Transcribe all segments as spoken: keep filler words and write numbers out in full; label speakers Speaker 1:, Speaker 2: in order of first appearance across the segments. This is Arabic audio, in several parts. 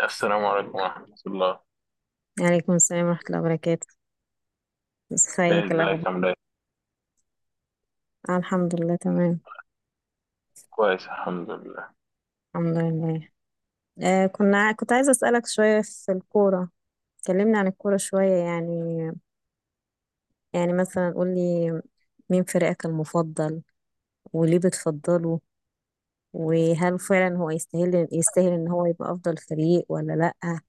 Speaker 1: السلام عليكم ورحمة الله.
Speaker 2: عليكم السلام ورحمة الله وبركاته.
Speaker 1: إيه،
Speaker 2: ازيك
Speaker 1: ازيك
Speaker 2: الأخبار؟
Speaker 1: عامل ايه؟
Speaker 2: آه، الحمد لله تمام.
Speaker 1: كويس، الحمد لله.
Speaker 2: الحمد لله. آه كنا ع- كنت عايزة أسألك شوية في الكورة. كلمني عن الكورة شوية يعني. يعني مثلا قولي، مين فريقك المفضل، وليه بتفضله، وهل فعلا هو يستاهل يستاهل إن هو يبقى أفضل فريق ولا لأ.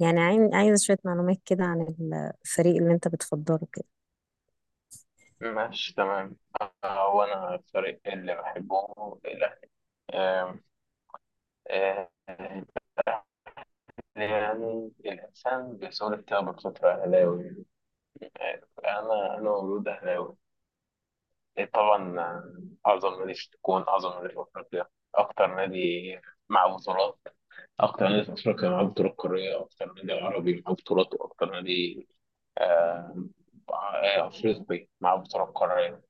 Speaker 2: يعني عاين- عايزة شوية معلومات كده عن الفريق اللي أنت بتفضله كده.
Speaker 1: ماشي، تمام. هو أنا الفريق اللي بحبه الأهلي. آم، آه، الأهلي، يعني الإنسان بيصير كده بفترة أهلاوي. آه، أنا أنا مولود أهلاوي. إيه، طبعا، آه، أعظم نادي في تكون أعظم نادي في أفريقيا، أكتر نادي مع بطولات، أكتر نادي في أفريقيا مع بطولات قارية، أكتر نادي عربي مع بطولات، وأكتر نادي آه، آه، أفريقي مع بطولة قارية.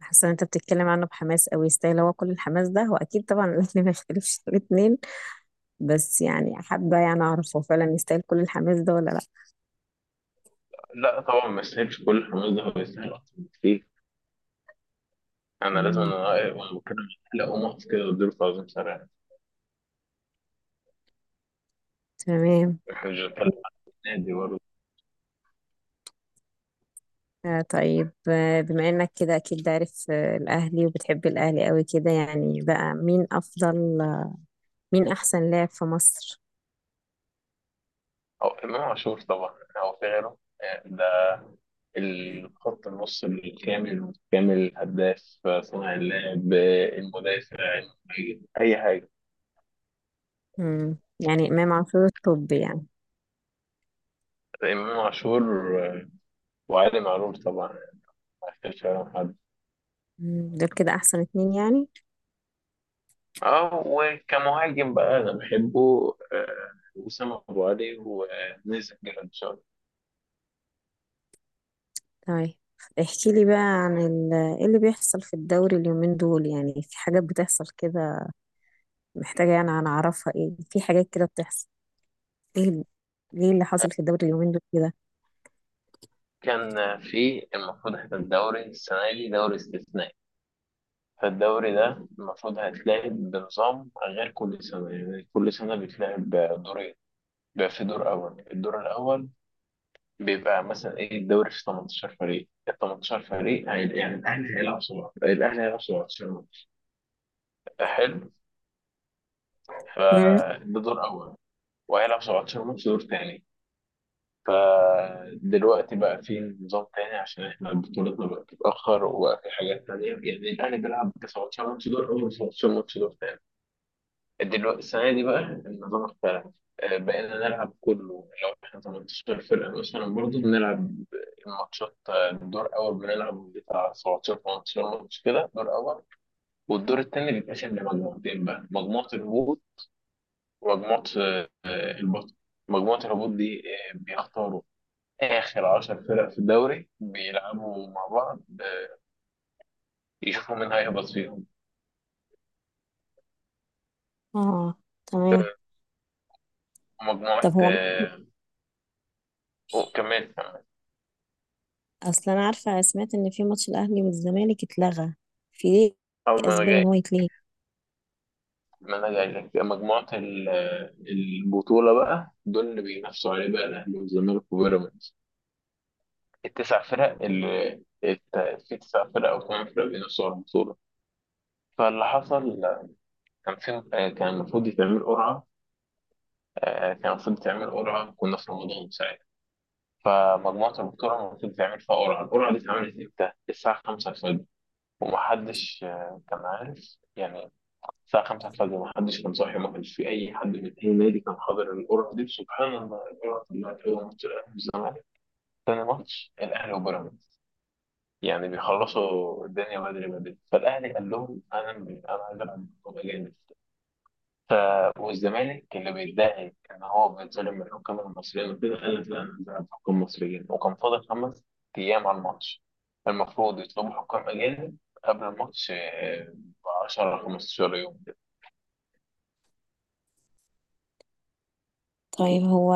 Speaker 2: حاسة إن أنت بتتكلم عنه بحماس أوي، يستاهل هو كل الحماس ده؟ هو أكيد طبعا الأهلي ما يختلفش في الاتنين. بس يعني حابة يعني أعرف، هو فعلا يستاهل كل الحماس ده ولا لأ؟
Speaker 1: لا طبعا، ما يستاهلش كل الحماس ده، هو يستاهل أكتر بكتير. أنا لازم،
Speaker 2: مم.
Speaker 1: أنا وأنا بتكلم عن الأهلي، أقوم أقف كده وأديله تعظيم سريع.
Speaker 2: تمام.
Speaker 1: إحنا مش بنتكلم عن نادي برضه.
Speaker 2: آه طيب، آه بما إنك كده أكيد عارف آه الأهلي وبتحب الأهلي قوي كده، يعني بقى مين أفضل، مين أحسن لاعب في مصر؟
Speaker 1: أو إمام عاشور طبعا، أو في غيره. آه، ده الخط، النص الكامل المتكامل، الهداف، صانع اللعب، المدافع، المهاجم، أي حاجة.
Speaker 2: مم. يعني إمام عاشور الطب يعني.
Speaker 1: إمام عاشور، آه، وعلي معلول طبعا، ما يختلفش عليهم حد.
Speaker 2: مم. دول كده أحسن اتنين يعني؟
Speaker 1: اه، وكمهاجم بقى انا بحبه، آه، وسام ابو علي ونزل جراديشار.
Speaker 2: طيب، احكي لي بقى عن ال- ايه اللي بيحصل في الدوري اليومين دول؟ يعني في حاجات بتحصل كده محتاجة يعني أنا أعرفها، ايه في حاجات كده بتحصل؟ ايه ال- ايه اللي حصل في الدوري اليومين دول كده؟
Speaker 1: كان في المفروض، احنا الدوري السنه دي دوري استثنائي، فالدوري ده المفروض هيتلعب بنظام غير كل سنه. يعني كل سنه بيتلعب بدورين، بيبقى في دور اول. الدور الاول بيبقى مثلا ايه، الدوري فيه ثمانية عشر فريق، ال ثمانية عشر فريق هي- يعني الاهلي هيلعب سبعتاشر الاهلي هيلعب سبعتاشر ماتش. حلو،
Speaker 2: مم.
Speaker 1: فده دور اول، وهيلعب سبعة عشر ماتش دور تاني. فدلوقتي بقى في نظام تاني، عشان احنا بطولتنا بقت تتأخر وبقى في حاجات تانية، يعني الأهلي بيلعب تسعتاشر ماتش دور أول، تسعتاشر ماتش دور تاني. دلوقتي السنة دي بقى النظام اختلف، آه، بقينا نلعب كله، لو احنا تمنتاشر فرقة مثلا برضه بنلعب الماتشات. آه، دور أول بنلعب بتاع سبعتاشر، تمنتاشر ماتش كده دور أول. والدور التاني بيتقسم لمجموعتين بقى، مجموعة الهبوط ومجموعة آه، البطل. مجموعة الهبوط دي آه، بيختاروا آخر عشر فرق في الدوري، بيلعبوا مع بعض، آه، يشوفوا مين هيهبط فيهم.
Speaker 2: اه تمام.
Speaker 1: مجموعة،
Speaker 2: طب هو
Speaker 1: آه، أو كمان كمان.
Speaker 2: اصلا انا عارفه، سمعت ان في ماتش الاهلي والزمالك اتلغى. في ايه
Speaker 1: أول ما أنا
Speaker 2: اسباب
Speaker 1: جاي
Speaker 2: ان هو يتلغي؟
Speaker 1: ما أنا جاي لك مجموعة ال- آه، البطولة بقى، دول اللي بينافسوا عليه بقى الأهلي والزمالك وبيراميدز، التسع فرق اللي الت- في تسع فرق أو ثمان فرق بينافسوا على البطولة. فاللي حصل، كان في آه، كان المفروض يتعمل قرعة، آه، كان المفروض يتعمل قرعة، كنا في رمضان ساعتها. فمجموعة الدكتورة المفروض تعمل فيها قرعة، القرعة دي اتعملت امتى؟ الساعة خمسة الفجر. ومحدش آه، كان عارف يعني، الساعة الخامسة الفجر محدش كان صاحي، وما كانش في أي حد من أي نادي كان حاضر القرعة دي. سبحان الله، القرعة طلعت أول ماتش الأهلي والزمالك، تاني ماتش الأهلي وبيراميدز. يعني بيخلصوا الدنيا بدري بدري. فالأهلي قال لهم، أنا أنا عايز ألعب بطولة جامد. ف... والزمالك اللي بيدعي ان هو بيتظلم من الحكام المصريين وكده قال لك، لا، انا بلعب حكام مصريين، وكان فاضل خمس ايام على الماتش. المفروض يطلبوا حكام اجانب قبل الماتش ب عشر، خمستاشر يوم كده.
Speaker 2: طيب هو،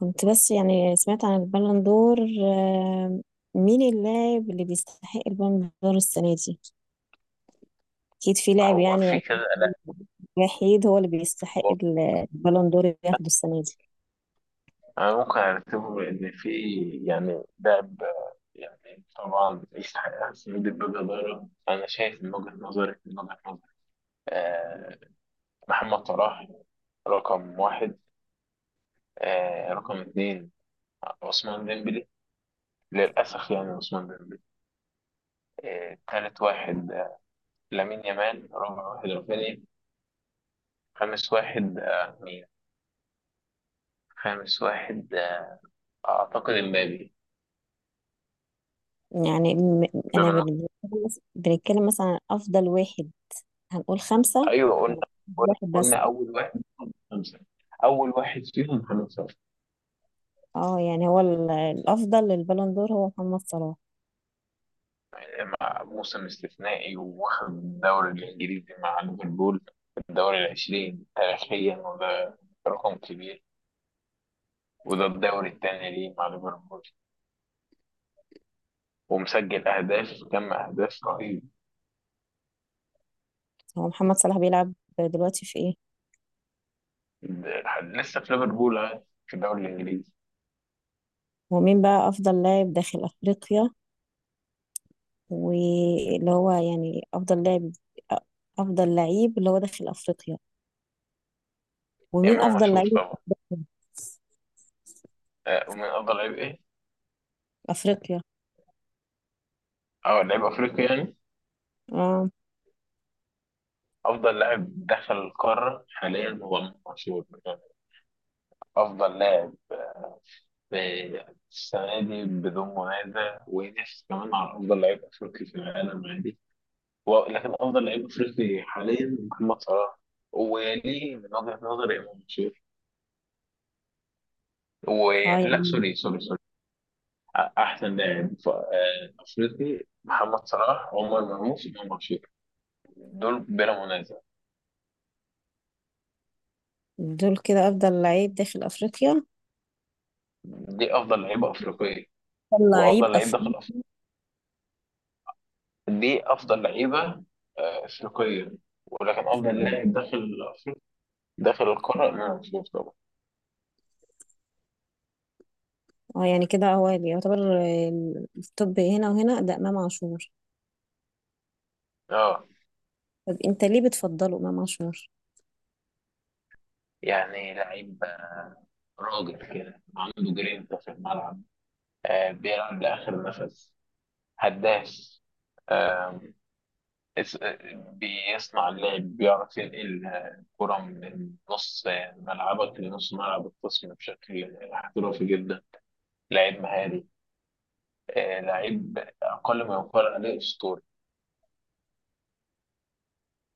Speaker 2: كنت بس يعني سمعت عن البالون دور، آه، مين اللاعب اللي بيستحق البالون دور السنه دي؟ اكيد في لاعب
Speaker 1: هو
Speaker 2: يعني،
Speaker 1: في كذا،
Speaker 2: أكيد
Speaker 1: لا.
Speaker 2: وحيد هو اللي بيستحق ال- البالون دور اللي ياخده السنه دي.
Speaker 1: انا ممكن ارتبه، ان في يعني لاعب، آه، يعني طبعا يستحق احسن من البيبي ضايره، انا شايف من وجهه نظري، من وجهه نظري. آه محمد صلاح رقم واحد، آه رقم اتنين عثمان ديمبلي، للأسف، يعني عثمان ديمبلي، آه، تالت واحد آه، لامين يامال، رابع واحد رافينيا، خامس واحد آه، مين؟ خامس واحد، آه، أعتقد إمبابي.
Speaker 2: يعني م-
Speaker 1: ده
Speaker 2: انا
Speaker 1: من
Speaker 2: بن- بنتكلم مثلا عن افضل واحد، هنقول خمسه
Speaker 1: أيوه، قلنا.
Speaker 2: ولا
Speaker 1: قلنا
Speaker 2: واحد
Speaker 1: قلنا
Speaker 2: بس؟
Speaker 1: أول واحد فيهم خمسة، أول واحد فيهم خمسة.
Speaker 2: اه يعني هو ال- الافضل للبالون دور هو محمد صلاح.
Speaker 1: آه، مع موسم استثنائي، واخد الدوري الإنجليزي مع ليفربول، الدوري العشرين تاريخيا، وده رقم كبير. وده الدوري الثاني ليه مع ليفربول، ومسجل أهداف، كم أهداف رهيب.
Speaker 2: هو محمد صلاح بيلعب دلوقتي في ايه؟
Speaker 1: لسه في ليفربول، آه، في الدوري الانجليزي.
Speaker 2: هو مين بقى افضل لاعب داخل افريقيا، واللي هو يعني افضل لاعب، افضل لعيب اللي هو داخل افريقيا؟ ومين
Speaker 1: امام
Speaker 2: افضل
Speaker 1: عاشور
Speaker 2: لعيب
Speaker 1: طبعا، آه، ومن افضل لعيب ايه،
Speaker 2: افريقيا؟
Speaker 1: او لعيب افريقي يعني.
Speaker 2: اه.
Speaker 1: افضل لاعب دخل القاره حاليا هو امام عاشور يعني، افضل لاعب، آه، السنه دي بدون منازع، وينافس كمان على افضل لعيب افريقي في العالم عادي. و- لكن افضل لعيب افريقي حاليا محمد صلاح، وليه من وجهه نظري امام عاشور.
Speaker 2: اه
Speaker 1: ولا
Speaker 2: يعني
Speaker 1: سوري سوري سوري، احسن لاعب ف- آه، افريقي، محمد صلاح، عمر مرموش، امام عاشور. دول بلا منازع.
Speaker 2: دول كده افضل لعيب داخل افريقيا؟
Speaker 1: دي افضل لعيبه افريقيه،
Speaker 2: افضل لعيب
Speaker 1: وافضل لعيب
Speaker 2: افريقيا؟
Speaker 1: داخل افريقيا، دي افضل لعيبه آه، افريقيه، ولكن افضل لاعب داخل افريقيا، داخل القاره، امام عاشور طبعا.
Speaker 2: اه يعني كده هو اللي يعتبر ال- التوب هنا وهنا ده امام عاشور.
Speaker 1: اه،
Speaker 2: طب انت ليه بتفضله امام عاشور؟
Speaker 1: يعني لعيب، راجل كده عنده جرينتا في الملعب، آه بيلعب لاخر نفس، هداف، اس- بيصنع اللعب، بيعرف ينقل الكرة من نص ملعبك لنص ملعب الخصم بشكل احترافي جدا. لعيب مهاري، آه، لعيب أقل ما يقال عليه أسطوري.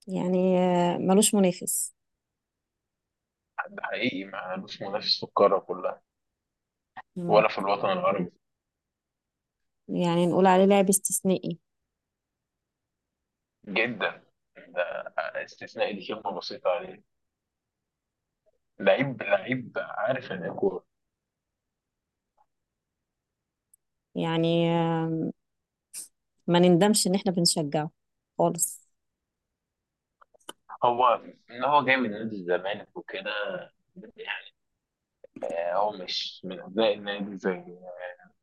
Speaker 2: يعني آه، ملوش منافس؟
Speaker 1: حد حقيقي، معلوش منافس في القارة كلها، ولا في الوطن العربي.
Speaker 2: يعني نقول عليه لاعب استثنائي؟
Speaker 1: جدا، ده استثنائي، دي كلمة بسيطة عليه. لعيب، لعيب عارف إن الكورة.
Speaker 2: يعني آه، ما نندمش ان احنا بنشجعه خالص؟
Speaker 1: هو إن هو جاي من نادي الزمالك وكده، آه، هو مش من أبناء النادي زي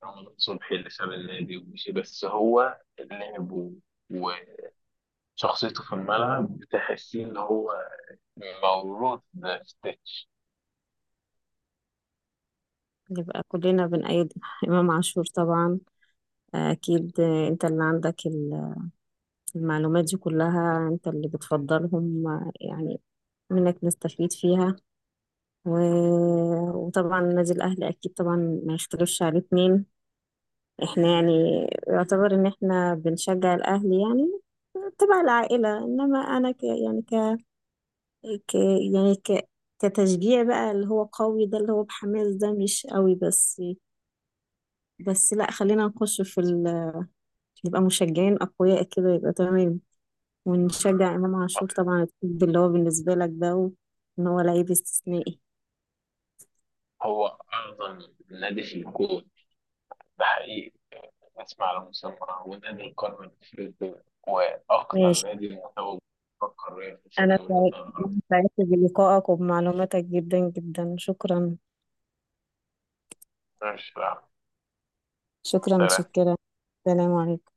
Speaker 1: رمضان صبحي اللي ساب النادي ومشي، بس هو اللعب و- وشخصيته في الملعب بتحسيه ان هو مولود ده في ستيتش.
Speaker 2: يبقى كلنا بنأيد إمام عاشور طبعا. آه، أكيد. آه، أنت اللي عندك ال- المعلومات دي كلها، أنت اللي بتفضلهم آه، يعني منك نستفيد فيها. و... وطبعا نادي الأهلي أكيد طبعا ما يختلفش عليه اتنين. احنا يعني يعتبر إن احنا بنشجع الأهلي يعني تبع العائلة، إنما أنا ك... يعني ك يعني ك كتشجيع بقى اللي هو قوي ده اللي هو بحماس ده، مش قوي بس. بس لا خلينا نخش في ال... نبقى مشجعين أقوياء كده يبقى تمام. ونشجع إمام عاشور طبعا الطب اللي هو بالنسبة لك ده و- إن هو لعيب استثنائي.
Speaker 1: هو اعظم نادي في الكون، ده حقيقي، اسمع على مسمى، ونادي القرن الافريقي، واكثر
Speaker 2: ماشي.
Speaker 1: نادي متوج في القاريه، في
Speaker 2: أنا
Speaker 1: افريقيا
Speaker 2: سعيد-
Speaker 1: والوطن
Speaker 2: أنا
Speaker 1: العربي.
Speaker 2: سعدت بلقائك وبمعلوماتك جدا جدا. شكرا
Speaker 1: مش
Speaker 2: شكرا
Speaker 1: عارف.
Speaker 2: شكرا. سلام عليكم.